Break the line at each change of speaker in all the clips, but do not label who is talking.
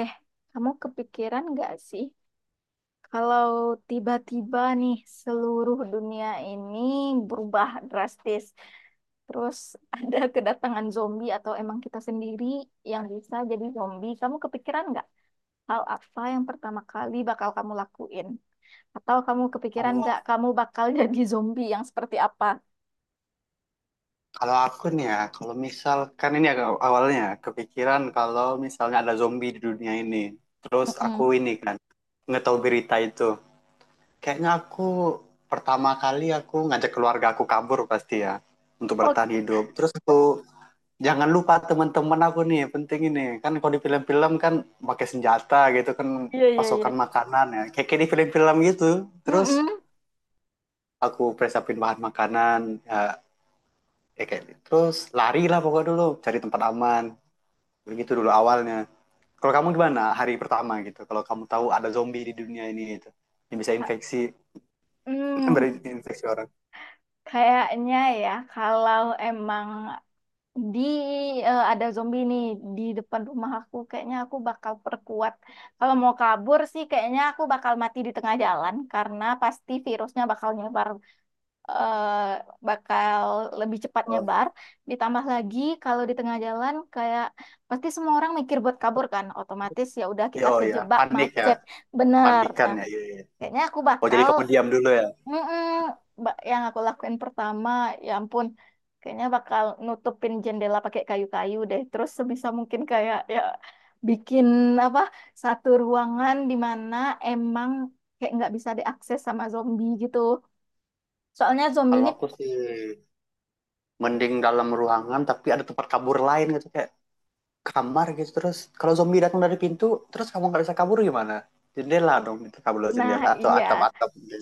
Eh, kamu kepikiran nggak sih kalau tiba-tiba nih seluruh dunia ini berubah drastis, terus ada kedatangan zombie atau emang kita sendiri yang bisa jadi zombie, kamu kepikiran nggak hal apa yang pertama kali bakal kamu lakuin? Atau kamu kepikiran
Kalau
nggak kamu bakal jadi zombie yang seperti apa?
kalau aku nih ya, kalau misalkan ini agak awalnya ya, kepikiran kalau misalnya ada zombie di dunia ini, terus aku
Mm-mm.
ini kan nggak tahu berita itu, kayaknya aku pertama kali ngajak keluarga aku kabur pasti ya untuk bertahan
Oke,
hidup. Terus aku jangan lupa teman-teman aku nih penting ini kan kalau di film-film kan pakai senjata gitu kan
iya, iya, iya.
pasokan makanan ya, kayak di film-film gitu. Terus
Mm-mm.
aku persiapin bahan makanan, ya, kayak gitu. Terus lari lah pokoknya dulu cari tempat aman begitu dulu awalnya. Kalau kamu gimana hari pertama gitu kalau kamu tahu ada zombie di dunia ini gitu yang bisa
Ha-
infeksi
Hmm,
berinfeksi orang.
kayaknya ya kalau emang di ada zombie nih di depan rumah aku kayaknya aku bakal perkuat. Kalau mau kabur sih kayaknya aku bakal mati di tengah jalan karena pasti virusnya bakal nyebar, eh, bakal lebih cepat
Oh
nyebar. Ditambah lagi kalau di tengah jalan kayak pasti semua orang mikir buat kabur kan, otomatis ya udah
iya.
kita
Oh, iya.
kejebak
Panik ya.
macet. Bener.
Panikan
Nah,
ya. Iya, iya.
kayaknya aku
Oh, jadi
bakal,
kamu diam dulu ya.
Mm-mm. Yang aku lakuin pertama, ya ampun, kayaknya bakal nutupin jendela pakai kayu-kayu deh. Terus sebisa mungkin kayak ya, bikin apa, satu ruangan di mana emang kayak nggak bisa diakses sama zombie gitu. Soalnya zombie
Kalau
ini,
aku sih mending dalam ruangan tapi ada tempat kabur lain gitu kayak kamar gitu. Terus kalau zombie datang dari pintu terus kamu nggak bisa kabur, gimana? Jendela dong itu, kabur lewat
nah
jendela atau
iya.
atap-atap gitu.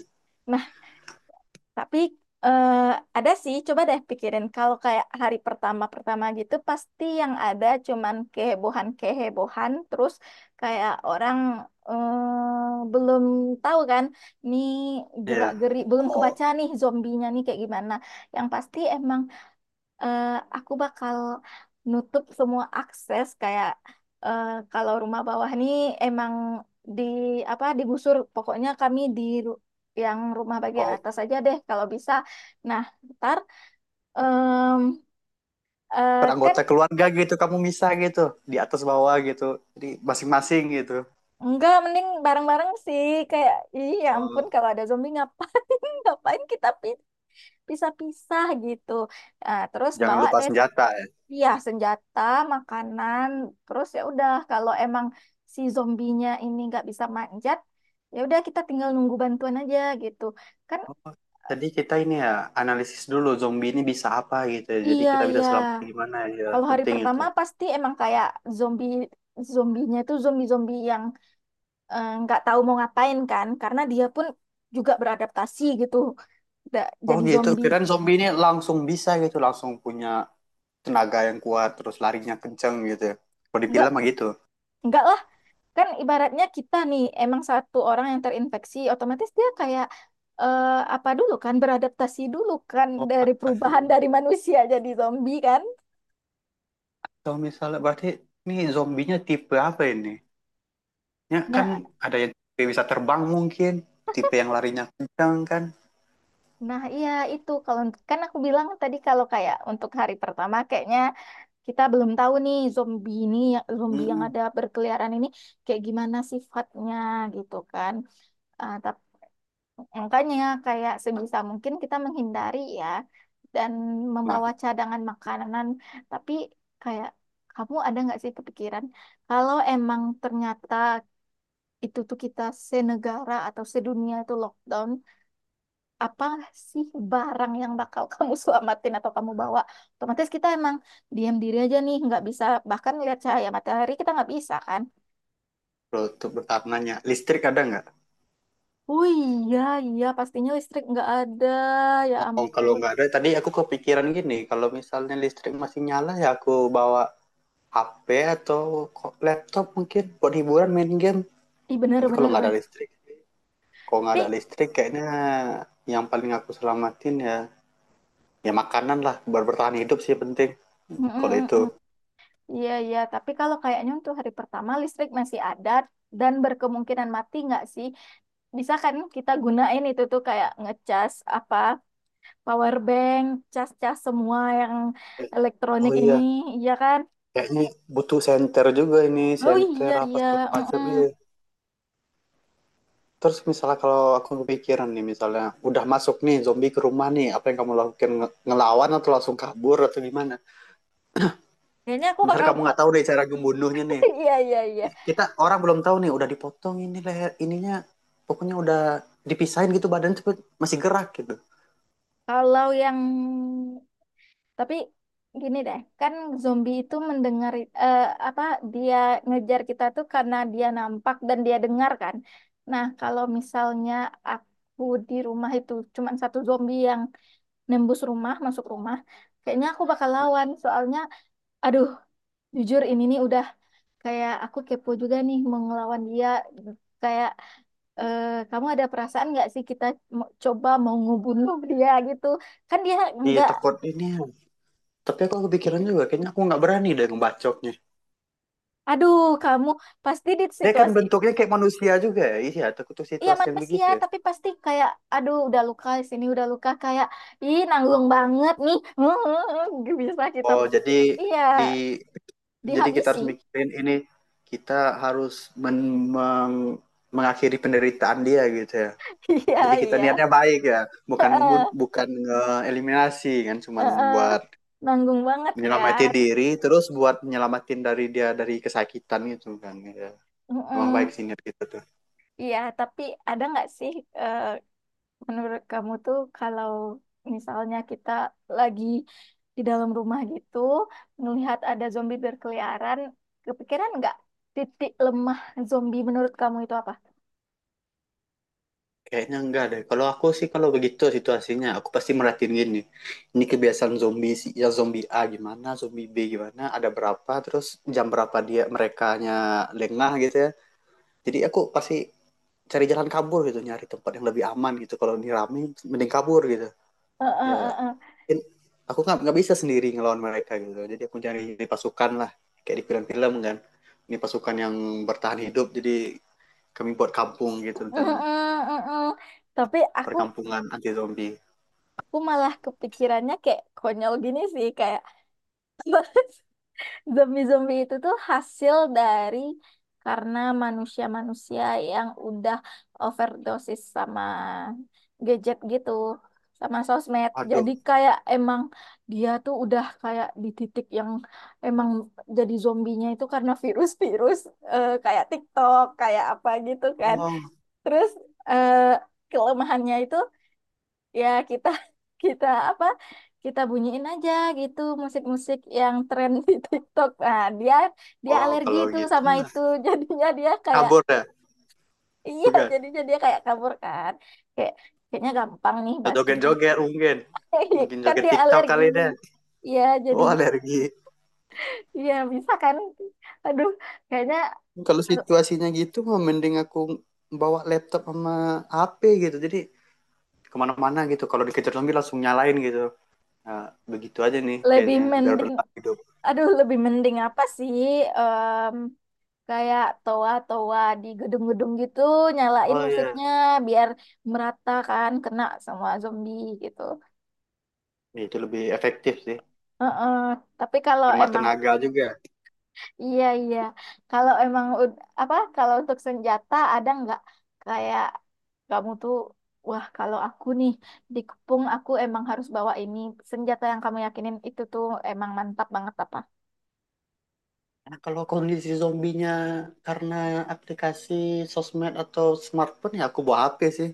Tapi eh, ada sih, coba deh pikirin kalau kayak hari pertama-pertama gitu pasti yang ada cuman kehebohan-kehebohan. Terus kayak orang belum tahu kan nih,
Iya.
gerak-geri belum
Oh,
kebaca nih zombinya nih kayak gimana. Yang pasti emang eh, aku bakal nutup semua akses kayak kalau rumah bawah nih emang di apa digusur, pokoknya kami yang rumah bagian
oh,
atas aja deh kalau bisa. Nah, ntar em, kan
peranggota keluarga gitu kamu misah gitu, di atas bawah gitu, jadi masing-masing gitu.
enggak, mending bareng-bareng sih kayak, iya ya ampun
Oh,
kalau ada zombie ngapain ngapain pisah-pisah gitu. Nah, terus
jangan
bawa
lupa
deh.
senjata ya.
Iya, senjata, makanan, terus ya udah kalau emang si zombinya ini nggak bisa manjat, ya udah kita tinggal nunggu bantuan aja gitu. Kan
Oh, jadi kita ini ya analisis dulu zombie ini bisa apa gitu ya, jadi
iya
kita bisa
iya.
selamat gimana, ya
Kalau hari
penting itu.
pertama pasti emang kayak zombie zombinya itu zombie-zombie yang nggak tahu mau ngapain kan, karena dia pun juga beradaptasi gitu,
Oh
jadi
gitu,
zombie.
kirain zombie ini langsung bisa gitu, langsung punya tenaga yang kuat terus larinya kenceng gitu ya, kalau di
Nggak
film mah gitu.
nggak, kan ibaratnya kita nih emang satu orang yang terinfeksi otomatis dia kayak eh, apa dulu kan, beradaptasi dulu kan,
Oh
dari
pantas.
perubahan dari manusia jadi zombie kan.
Kalau misalnya berarti ini zombinya tipe apa ini, ya kan,
Nah,
ada yang tipe bisa terbang mungkin, tipe yang larinya kencang kan.
nah iya itu kalau, kan aku bilang tadi kalau kayak untuk hari pertama kayaknya kita belum tahu nih zombie ini, zombie yang
Mm-mm.
ada berkeliaran ini kayak gimana sifatnya gitu kan. Ah, tapi makanya kayak sebisa mungkin kita menghindari ya, dan
Nah,
membawa cadangan makanan. Tapi kayak kamu ada nggak sih kepikiran kalau emang ternyata itu tuh kita senegara atau sedunia itu lockdown, apa sih barang yang bakal kamu selamatin atau kamu bawa? Otomatis kita emang diam diri aja nih, nggak bisa bahkan lihat cahaya matahari kita nggak bisa kan?
kalau untuk bertanya, listrik ada nggak?
Oh iya, iya pastinya listrik nggak ada, ya
Oh, kalau
ampun.
nggak ada, tadi aku kepikiran gini, kalau misalnya listrik masih nyala ya aku bawa HP atau laptop mungkin buat hiburan main game.
Ih benar
Tapi kalau
benar
nggak ada
benar.
listrik,
Tapi,
kayaknya yang paling aku selamatin ya ya makanan lah buat bertahan hidup sih penting kalau itu.
Mm-mm-mm. Iya, iya. Tapi kalau kayaknya untuk hari pertama listrik masih ada dan berkemungkinan mati nggak sih? Bisa kan kita gunain itu tuh kayak ngecas apa, power bank, cas-cas semua yang
Eh,
elektronik
Oh
ini,
iya,
iya kan?
kayaknya butuh senter juga ini,
Oh iya,
senter apa
iya.
segala macam.
Mm-mm.
Iya. Terus misalnya kalau aku kepikiran nih misalnya udah masuk nih zombie ke rumah nih, apa yang kamu lakukan? Ngelawan atau langsung kabur atau gimana?
Kayaknya aku
Misalnya
bakal.
kamu nggak tahu deh cara membunuhnya nih.
Iya, iya, iya.
Kita orang belum tahu nih udah dipotong ini leher ininya, pokoknya udah dipisahin gitu badan cepet masih gerak gitu.
Kalau yang, tapi gini deh, kan zombie itu mendengar eh, apa, dia ngejar kita tuh karena dia nampak dan dia dengar kan. Nah, kalau misalnya aku di rumah itu cuman satu zombie yang nembus rumah, masuk rumah, kayaknya aku bakal lawan. Soalnya, aduh, jujur ini nih udah kayak aku kepo juga nih mau ngelawan dia. Kayak kamu ada perasaan nggak sih kita coba mau ngebunuh dia gitu? Kan dia
Iya
nggak,
takut ini. Tapi aku kepikiran juga kayaknya aku nggak berani deh ngebacoknya.
aduh, kamu pasti di
Dia kan
situasi.
bentuknya kayak manusia juga ya. Iya takut tuh
Iya
situasi yang
manusia,
begitu ya.
tapi pasti kayak, aduh udah luka di sini udah luka kayak, ih nanggung banget nih. Bisa kita
Oh jadi
pukul. Iya,
di, jadi kita harus
dihabisi.
mikirin ini, kita harus men- meng- mengakhiri penderitaan dia gitu ya.
Iya,
Jadi kita
iya.
niatnya baik ya, bukan
Heeh,
bukan eliminasi kan, cuman
heeh.
buat
Nanggung banget
menyelamati
kan.
diri, terus buat menyelamatin dari dia dari kesakitan gitu kan. Ya. Memang baik
Mm-mm.
sih niat kita tuh.
Iya, tapi ada nggak sih eh, menurut kamu tuh kalau misalnya kita lagi di dalam rumah gitu, melihat ada zombie berkeliaran, kepikiran nggak titik lemah zombie menurut kamu itu apa?
Kayaknya enggak deh. Kalau aku sih kalau begitu situasinya, aku pasti merhatiin gini. Ini kebiasaan zombie sih, ya zombie A gimana, zombie B gimana, ada berapa, terus jam berapa dia merekanya lengah gitu ya. Jadi aku pasti cari jalan kabur gitu, nyari tempat yang lebih aman gitu. Kalau ini rame mending kabur gitu,
Eh, eh,
ya
eh, eh.
aku nggak bisa sendiri ngelawan mereka gitu, jadi aku cari pasukan lah kayak di film-film kan, ini pasukan yang bertahan hidup. Jadi kami buat kampung gitu,
Mm, mm,
rencana
mm, mm. Tapi
perkampungan anti zombie.
aku malah kepikirannya kayak konyol gini sih kayak zombie-zombie itu tuh hasil dari, karena manusia-manusia yang udah overdosis sama gadget gitu, sama sosmed.
Aduh.
Jadi kayak emang dia tuh udah kayak di titik yang emang jadi zombinya itu karena virus-virus kayak TikTok, kayak apa gitu kan.
Oh,
Terus eh, kelemahannya itu ya kita kita apa, kita bunyiin aja gitu musik-musik yang tren di TikTok. Nah, dia dia
oh
alergi
kalau
itu
gitu
sama itu jadinya dia kayak,
kabur dah.
iya
Bukan,
jadinya dia kayak kabur kan kayak, kayaknya gampang nih bahas.
joget-joget mungkin, mungkin
Kan
joget
dia
TikTok
alergi.
kali dah.
Iya
Oh
jadinya,
alergi.
iya bisa kan, aduh kayaknya
Kalau situasinya gitu mah mending aku bawa laptop sama HP gitu. Jadi kemana-mana gitu. Kalau dikejar zombie langsung nyalain gitu. Nah, begitu aja nih
lebih
kayaknya. Biar
mending,
bertahan hidup.
aduh lebih mending apa sih kayak toa-toa di gedung-gedung gitu nyalain
Oh iya.
musiknya biar merata kan kena sama zombie gitu.
Ya, itu lebih efektif sih.
Heeh. Tapi kalau
Hemat
emang
tenaga juga.
iya iya, kalau emang apa, kalau untuk senjata ada nggak kayak kamu tuh, wah kalau aku nih dikepung aku emang harus bawa ini, senjata yang kamu yakinin itu tuh emang mantap banget apa?
Nah, kalau kondisi zombinya karena aplikasi sosmed atau smartphone, ya aku bawa HP sih.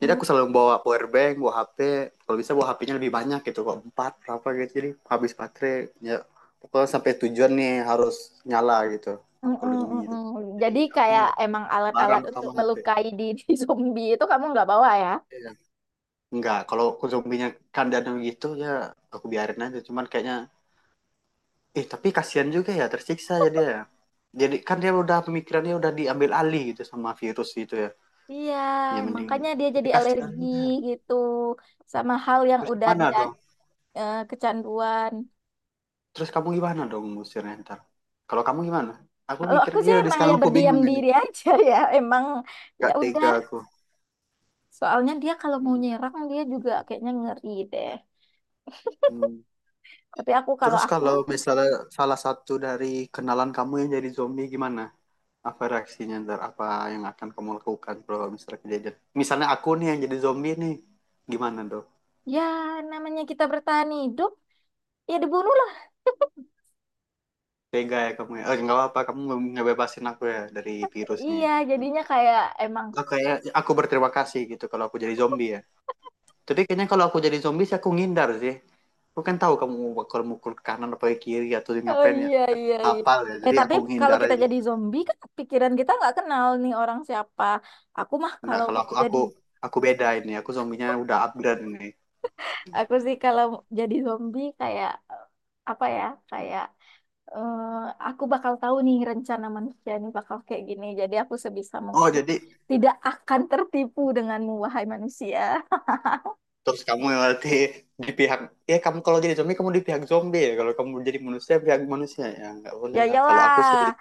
Jadi
Hmm,
aku selalu bawa power bank, bawa HP. Kalau bisa bawa HP-nya lebih banyak gitu, kok empat berapa gitu. Jadi habis baterai, ya pokoknya sampai tujuan nih harus nyala gitu.
mm,
Kalau
mm,
zombie
mm,
gitu.
mm.
Jadi
Jadi
aku
kayak emang
barang
alat-alat untuk
pertama HP.
melukai di di zombie itu kamu nggak bawa ya?
Iya. Enggak, kalau aku zombinya kandang gitu ya aku biarin aja. Cuman kayaknya, eh tapi kasihan juga ya, tersiksa ya dia. Jadi kan dia udah pemikirannya udah diambil alih gitu sama virus gitu ya.
Iya,
Ya mending.
makanya dia
Tapi
jadi
kasihan
alergi
juga.
gitu sama hal yang
Terus
udah
gimana
dia
dong?
kecanduan.
Terus kamu gimana dong ngusirnya ntar? Kalau kamu gimana? Aku
Kalau
mikir,
aku sih
iya di
emang ya
sekarang aku
berdiam
bingung ini.
diri aja ya, emang ya
Gak tega
udah.
aku.
Soalnya dia kalau mau nyerang dia juga kayaknya ngeri deh.
Hmm.
Tapi aku, kalau
Terus
aku
kalau misalnya salah satu dari kenalan kamu yang jadi zombie gimana? Apa reaksinya ntar? Apa yang akan kamu lakukan kalau misalnya kejadian? Misalnya aku nih yang jadi zombie nih. Gimana dong?
ya namanya kita bertahan hidup ya dibunuhlah.
Tega ya kamu ya? Eh, nggak apa-apa, kamu ngebebasin aku ya dari virusnya.
Iya, jadinya kayak emang,
Aku kayak aku berterima kasih gitu kalau aku jadi zombie ya. Tapi kayaknya kalau aku jadi zombie sih aku ngindar sih. Aku kan tahu kamu bakal mukul ke kanan atau ke kiri atau
oh
ngapain ya.
iya iya iya.
Apa ya.
Eh
Jadi
tapi
aku
kalau
ngindar
kita
aja.
jadi zombie kan pikiran kita nggak kenal nih orang siapa. Aku mah
Nah,
kalau
kalau aku
jadi,
aku aku beda ini. Aku zombinya udah upgrade ini.
aku sih kalau jadi zombie kayak apa ya? Kayak eh, aku bakal tahu nih rencana manusia nih bakal kayak gini. Jadi aku sebisa
Oh,
mungkin
jadi
tidak akan tertipu denganmu wahai manusia.
terus kamu yang berarti di pihak, ya kamu kalau jadi zombie kamu di pihak zombie ya. Kalau kamu jadi manusia pihak manusia ya nggak boleh
Ya
lah. Kalau aku sih
iyalah.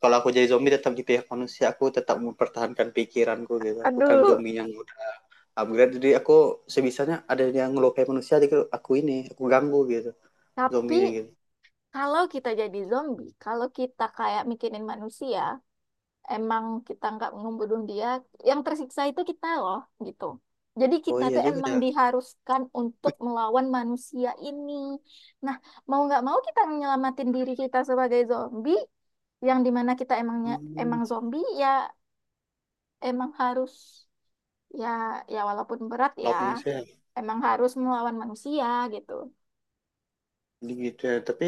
kalau aku jadi zombie tetap di pihak manusia, aku tetap mempertahankan pikiranku gitu. Aku kan
Aduh.
zombie yang udah upgrade, jadi aku sebisanya ada yang ngelukai manusia, jadi aku ini aku ganggu gitu
Tapi
zombinya gitu.
kalau kita jadi zombie, kalau kita kayak mikirin manusia, emang kita nggak ngebunuh dia, yang tersiksa itu kita loh, gitu. Jadi
Oh
kita
iya
tuh
juga
emang
ya.
diharuskan untuk melawan manusia ini. Nah, mau nggak mau kita nyelamatin diri kita sebagai zombie, yang dimana kita emangnya
Hmm,
emang zombie ya emang harus ya, ya walaupun berat ya
kenapa manusia
emang harus melawan manusia gitu.
gitu ya. Tapi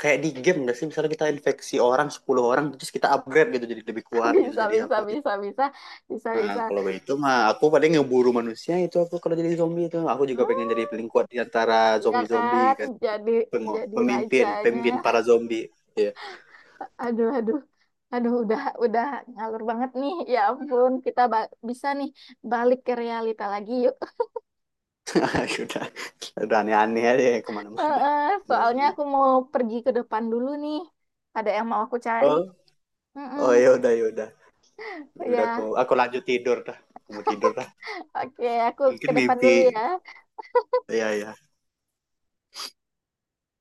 kayak di game nggak sih misalnya kita infeksi orang 10 orang terus kita upgrade gitu jadi lebih kuat gitu
Bisa
jadi
bisa
apa gitu.
bisa bisa bisa
Nah
bisa.
kalau itu mah aku paling ngeburu manusia itu, aku kalau jadi zombie itu aku juga pengen jadi
Hmm,
paling kuat di antara
ya
zombie-zombie
kan?
kan.
Jadi jadi
Pemimpin,
rajanya.
pemimpin para zombie. Iya. Ya. Yeah.
Aduh, aduh, aduh, udah ngalur banget nih. Ya ampun, kita bisa nih balik ke realita lagi yuk.
udah udah aneh-aneh aja ya kemana-mana
Heeh, soalnya
zombie.
aku mau pergi ke depan dulu nih. Ada yang mau aku cari.
Oh.
Mm-mm.
Oh ya udah, ya udah. Ya udah aku
Ya,
aku lanjut tidur dah, aku mau tidur dah.
oke, aku ke
Mungkin
depan
mimpi.
dulu ya.
Iya, iya.